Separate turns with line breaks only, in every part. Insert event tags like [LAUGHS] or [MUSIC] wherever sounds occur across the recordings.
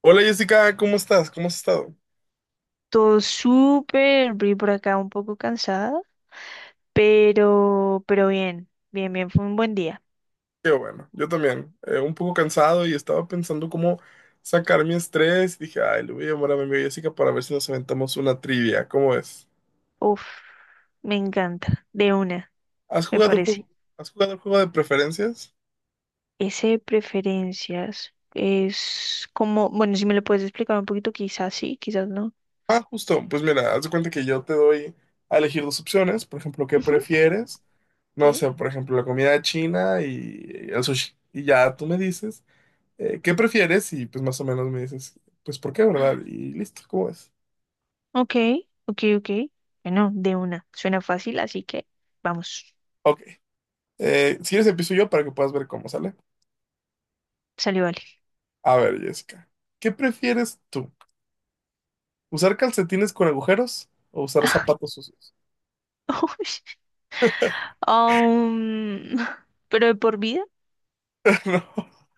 Hola Jessica, ¿cómo estás? ¿Cómo has estado?
Todo súper, vi por acá un poco cansada, pero bien, fue un buen día.
Qué bueno, yo también. Un poco cansado y estaba pensando cómo sacar mi estrés. Dije, ay, le voy a llamar a mi amiga Jessica para ver si nos aventamos una trivia. ¿Cómo es?
Uf, me encanta, de una,
¿Has
me
jugado el
parece.
juego? ¿Has jugado el juego de preferencias?
Ese de preferencias es como, bueno, si me lo puedes explicar un poquito, quizás sí, quizás no.
Ah, justo. Pues mira, haz de cuenta que yo te doy a elegir dos opciones. Por ejemplo, ¿qué
Ujú.
prefieres? No
Sí,
sé, por ejemplo, la comida china y el sushi. Y ya tú me dices, ¿qué prefieres? Y pues más o menos me dices, pues ¿por qué, verdad? Y listo, ¿cómo es?
ok, ok, ok. Bueno, de una, suena fácil, así que vamos,
Ok. Si quieres empiezo yo para que puedas ver cómo sale.
salió vale.
A ver, Jessica, ¿qué prefieres tú? ¿Usar calcetines con agujeros o usar zapatos sucios?
[LAUGHS] Uy, Um, [LAUGHS] pero de por vida,
[LAUGHS] No,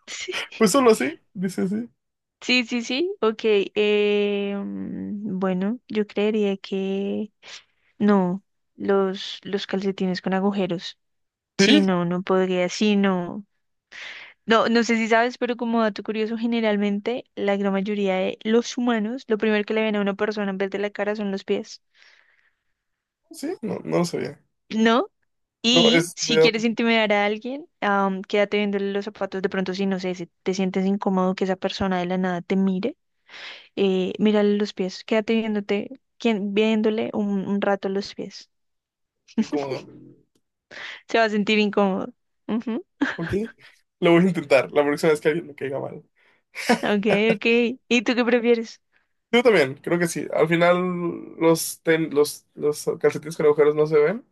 [LAUGHS] sí.
pues solo así, dice así.
Sí, sí, sí, ok. Bueno, yo creería que no, los calcetines con agujeros. Sí,
Sí,
no, no podría, sí, no. No, no sé si sabes, pero como dato curioso, generalmente la gran mayoría de los humanos, lo primero que le ven a una persona en vez de la cara son los pies,
sí, no, no lo sabía.
¿no?
No,
Y
es
si
medio
quieres intimidar a alguien, quédate viéndole los zapatos, de pronto si no sé, si te sientes incómodo que esa persona de la nada te mire. Mírale los pies, quédate viéndote, viéndole un rato los pies.
incómodo.
Se va a sentir incómodo. Ujú.
Ok, lo voy a intentar la próxima vez que alguien me caiga mal.
Ok, ok. ¿Y tú qué prefieres?
Yo también, creo que sí. Al final los, los calcetines con agujeros no se ven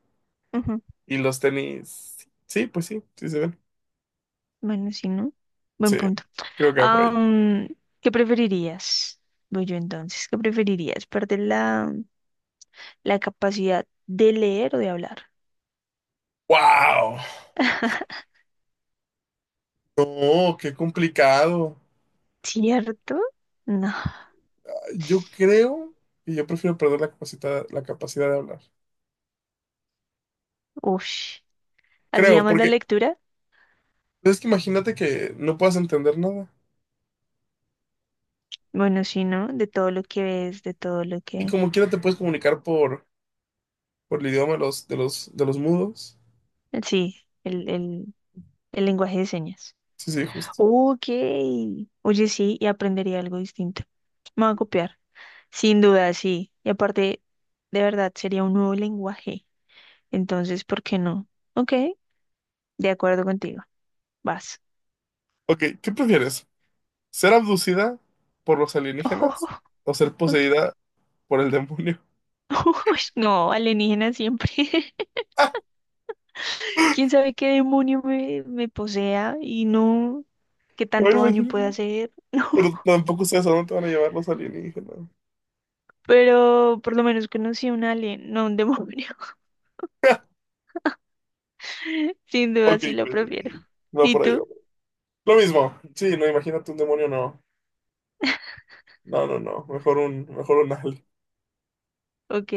Ujú.
y los tenis, sí, pues sí, sí se ven.
Bueno, sí, ¿no? Buen
Sí,
punto.
creo que va por ahí.
Am, ¿Qué preferirías? Voy yo entonces. ¿Qué preferirías? ¿Perder la capacidad de leer o de hablar?
¡Wow!
[LAUGHS]
No, qué complicado.
¿Cierto? No.
Yo creo que yo prefiero perder la capacidad de hablar.
Ush. ¿Así
Creo,
llamas la
porque
lectura?
pues, es que imagínate que no puedas entender nada.
Bueno, sí, ¿no? De todo lo que ves, de todo lo
Y
que...
como quiera te puedes comunicar por el idioma de los, de los mudos.
Sí, el, el, el lenguaje de señas.
Sí, sí, justo.
Ok. Oye, sí, y aprendería algo distinto. Me va a copiar. Sin duda, sí. Y aparte, de verdad, sería un nuevo lenguaje. Entonces, ¿por qué no? Ok, de acuerdo contigo. Vas.
Ok, ¿qué prefieres? ¿Ser abducida por los
Ojo,
alienígenas o ser
ok.
poseída por el demonio?
[LAUGHS] Uy, no, alienígena siempre. [LAUGHS]
[LAUGHS] ¡Ah!
¿Quién sabe qué demonio me posea y no qué
No me
tanto daño puede
imagino.
hacer? [LAUGHS] No,
Pero tampoco sabes a dónde te van a llevar los alienígenas.
pero por lo menos conocí a un alien, no a un demonio.
[LAUGHS]
[LAUGHS] Sin duda,
Ok,
sí lo
pues,
prefiero.
ok. Va
¿Y
por ahí. Va.
tú?
Lo mismo. Sí, no, imagínate un demonio, no. No, no, no. Mejor un Ale.
Ok,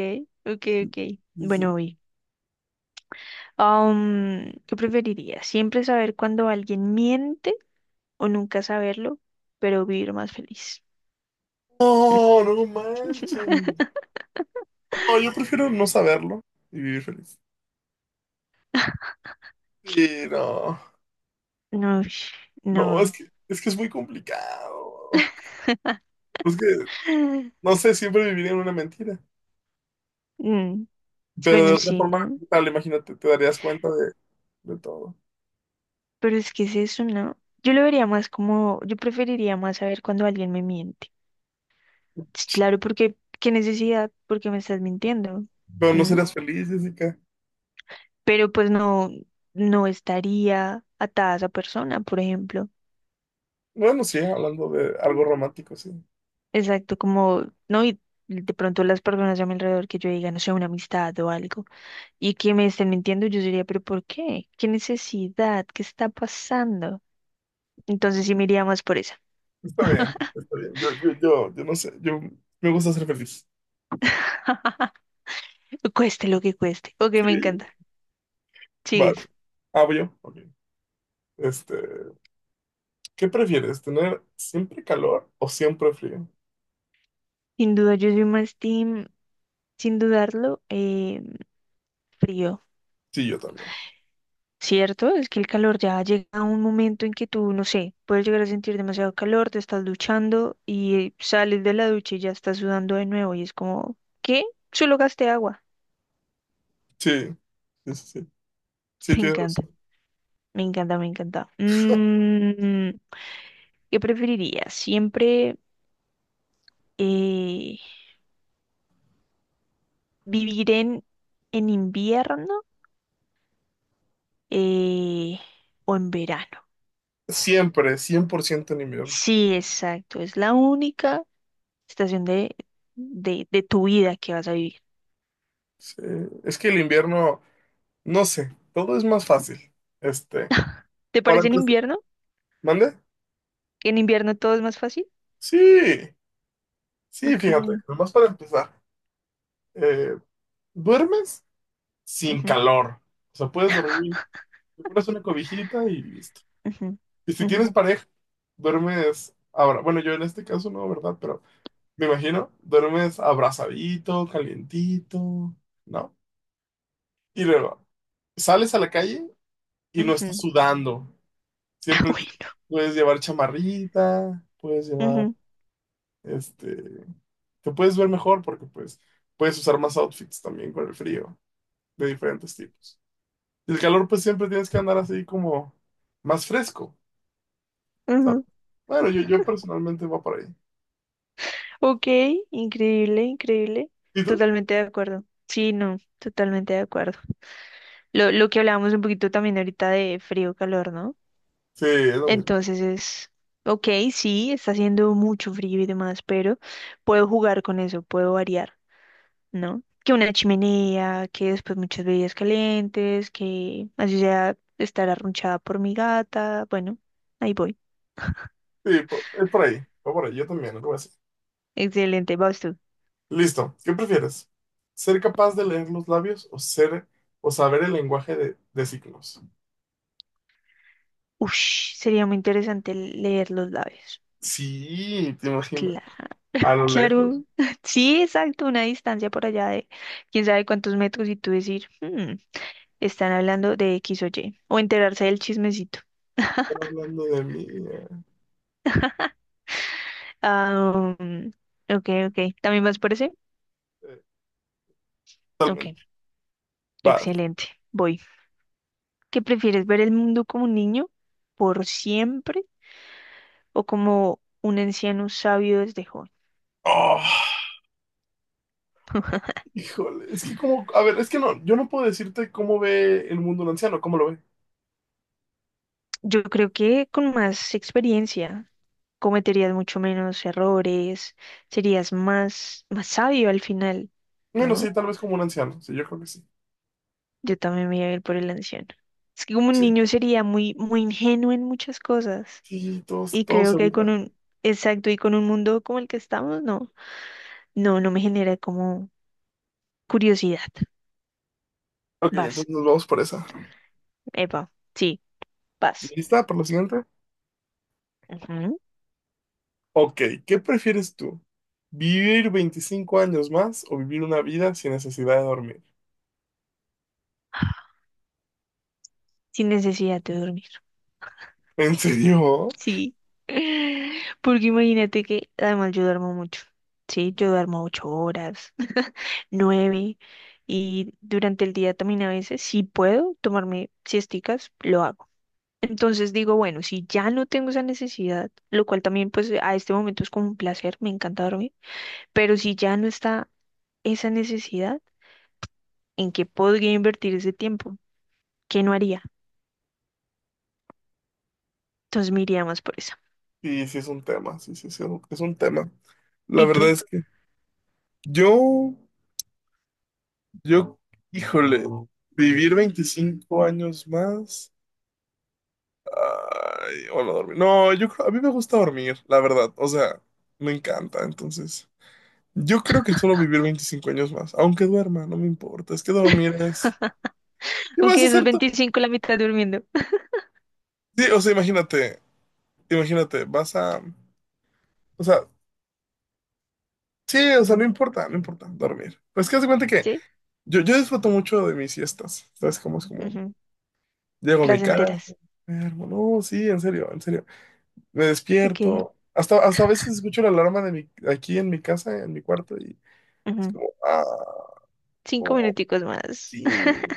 ok, ok.
Dice,
Bueno, hoy. ¿Qué preferirías? ¿Siempre saber cuando alguien miente o nunca saberlo, pero vivir más feliz?
no, no manches.
[LAUGHS]
No, yo prefiero no saberlo y vivir feliz. Sí, no.
No, ush,
No, es
no.
que, es que es muy complicado. Es que,
[LAUGHS]
no sé, siempre viviría en una mentira.
Mm,
Pero de
bueno,
otra
sí,
forma,
¿no?
¿qué tal, imagínate, te darías cuenta de todo.
Pero es que es eso, ¿no? Yo lo vería más como, yo preferiría más saber cuando alguien me miente. Sí, claro, porque, ¿qué necesidad? Porque me estás mintiendo.
Pero no
¿Mm?
serías feliz, Jessica.
Pero pues no, no estaría atada a esa persona, por ejemplo.
Bueno, sí, hablando de algo romántico, sí.
Exacto, como, no, y de pronto las personas a mi alrededor que yo diga, no sé, una amistad o algo, y que me estén mintiendo, yo diría, pero ¿por qué? ¿Qué necesidad? ¿Qué está pasando? Entonces sí me iría más por esa.
Está bien,
[LAUGHS]
está bien. Yo no sé. Yo me gusta ser feliz.
Cueste lo que cueste. Ok,
Sí,
me encanta.
vale.
Sigues.
Ah, voy yo. Ok. Este. ¿Qué prefieres, tener siempre calor o siempre frío?
Sin duda, yo soy más team, sin dudarlo, frío.
Sí, yo también.
¿Cierto? Es que el calor ya llega a un momento en que tú, no sé, puedes llegar a sentir demasiado calor, te estás duchando y sales de la ducha y ya estás sudando de nuevo y es como, ¿qué? Solo gasté agua.
Sí, sí, sí. Sí,
[LAUGHS]
sí,
Me
tienes
encanta,
razón.
me encanta, me encanta. Mm, ¿qué preferirías? ¿Siempre eh, vivir en invierno eh, o en verano?
Siempre, 100% en invierno.
Sí, exacto. Es la única estación de tu vida que vas a vivir.
Sí, es que el invierno, no sé, todo es más fácil. Este,
¿Te
para
parece en
empezar,
invierno?
¿mande?
¿En invierno todo es más fácil?
Sí, sí,
Ok.
fíjate, nomás para empezar, eh, duermes sin
Ujú,
calor. O sea, puedes dormir, te pones una cobijita y listo.
ujú,
Y si tienes
ujú,
pareja, duermes ahora. Bueno, yo en este caso no, ¿verdad? Pero me imagino, duermes abrazadito, calientito, ¿no? Y luego, sales a la calle y no estás
ujú.
sudando.
[LAUGHS]
Siempre te-
Bueno,
puedes llevar chamarrita, puedes llevar,
ujú,
este, te puedes ver mejor porque pues puedes usar más outfits también con el frío, de diferentes tipos. Y el calor pues siempre tienes que andar así como más fresco, ¿sabes?
ujú.
Bueno, yo personalmente voy por ahí.
Ok, increíble, increíble.
¿Y tú?
Totalmente de acuerdo. Sí, no, totalmente de acuerdo. Lo que hablábamos un poquito también ahorita de frío, calor, ¿no?
Sí, es lo mismo.
Entonces es, ok, sí, está haciendo mucho frío y demás, pero puedo jugar con eso, puedo variar. ¿No? Que una chimenea, que después muchas bebidas calientes, que así sea estar arrunchada por mi gata. Bueno, ahí voy.
Es por ahí, va por ahí, yo también, no lo voy a decir.
Excelente, vas tú.
Listo. ¿Qué prefieres? ¿Ser capaz de leer los labios o ser o saber el lenguaje de signos?
Ush, sería muy interesante leer los labios.
Sí, te imaginas.
Claro,
A lo lejos.
claro. [LAUGHS] Sí, exacto, una distancia por allá de quién sabe cuántos metros y tú decir, "Hmm, están hablando de X o Y. O enterarse del chismecito.
Están
[LAUGHS]
hablando de mí.
Ah, ok, ok. ¿También vas por ese?
eh,
Ok,
Totalmente. Vas.
excelente. Voy. ¿Qué prefieres, ver el mundo como un niño por siempre o como un anciano sabio desde joven?
Oh, híjole. Es que como, a ver, es que no, yo no puedo decirte cómo ve el mundo un anciano, cómo lo ve.
Yo creo que con más experiencia cometerías mucho menos errores, serías más, más sabio al final,
Bueno, sí,
¿no?
tal vez como un anciano. Sí, yo creo que sí.
Yo también me iba a ir por el anciano. Es que como un
Sí.
niño sería muy, muy ingenuo en muchas cosas
Sí,
y
todos
creo
se
que con
burlan.
un, exacto, y con un mundo como el que estamos, no, no, no me genera como curiosidad.
Ok,
Vas,
entonces nos vamos por esa.
epa, sí, vas.
¿Lista para la siguiente?
Ujú.
Ok, ¿qué prefieres tú? ¿Vivir 25 años más o vivir una vida sin necesidad de dormir?
Sin necesidad de dormir.
[LAUGHS] ¿En serio?
Sí. [LAUGHS] Porque imagínate que además yo duermo mucho. Sí, yo duermo 8 horas, [LAUGHS] nueve, y durante el día también a veces, si puedo tomarme siesticas, lo hago. Entonces digo, bueno, si ya no tengo esa necesidad, lo cual también pues a este momento es como un placer, me encanta dormir, pero si ya no está esa necesidad, ¿en qué podría invertir ese tiempo? ¿Qué no haría? Entonces me iría más por eso.
Sí, sí es un tema, sí, sí, sí, es un tema. La
¿Y
verdad
tú?
es que yo, yo, híjole, vivir 25 años más, ay, o no dormir. No, yo creo, a mí me gusta dormir, la verdad, o sea, me encanta, entonces. Yo creo que solo vivir 25 años más, aunque duerma, no me importa, es que dormir es... ¿Qué vas a
Aunque esos
hacer tú?
25 la mitad durmiendo.
Sí, o sea, imagínate. Imagínate, o sea, sí, o sea, no importa, no importa dormir. Pues que haz de cuenta que
[LAUGHS]
yo disfruto mucho de mis siestas, ¿sabes? Cómo es como,
Ujú.
llego a mi casa,
Placenteras.
me duermo, no, sí, en serio, me
Ok.
despierto, hasta a veces escucho la alarma de mi, aquí en mi casa, en mi cuarto, y es
Ujú.
como, ah,
5
oh,
minuticos más. [LAUGHS]
sí.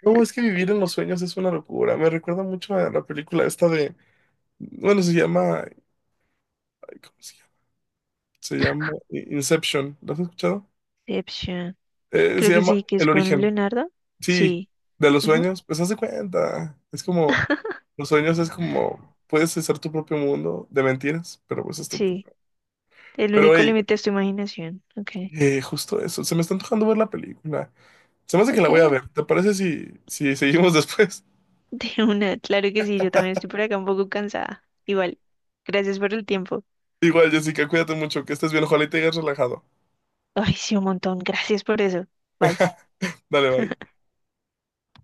No, es que vivir en los sueños es una locura, me recuerda mucho a la película esta de, bueno, se llama, ay, ¿cómo se llama? Se llama Inception, ¿lo has escuchado?
Inception. Creo
Se
que
llama
sí, que es
El
con
Origen.
Leonardo.
Sí,
Sí.
de los
Ujú.
sueños, pues haz de cuenta. Es como, los sueños es como, puedes hacer tu propio mundo de mentiras, pero pues es tu
Sí.
propio.
El
Pero
único
hey,
límite es tu imaginación. Ok.
justo eso, se me está antojando ver la película. Se me hace que la
Ok.
voy a ver.
[LAUGHS]
¿Te parece si seguimos después?
De una. Claro que sí, yo también estoy por acá un poco cansada. Igual. Gracias por el tiempo.
[LAUGHS] Igual, Jessica, cuídate mucho, que estés bien, ojalá y te hayas relajado.
Ay, sí, un montón. Gracias por eso. Bye.
Dale, bye.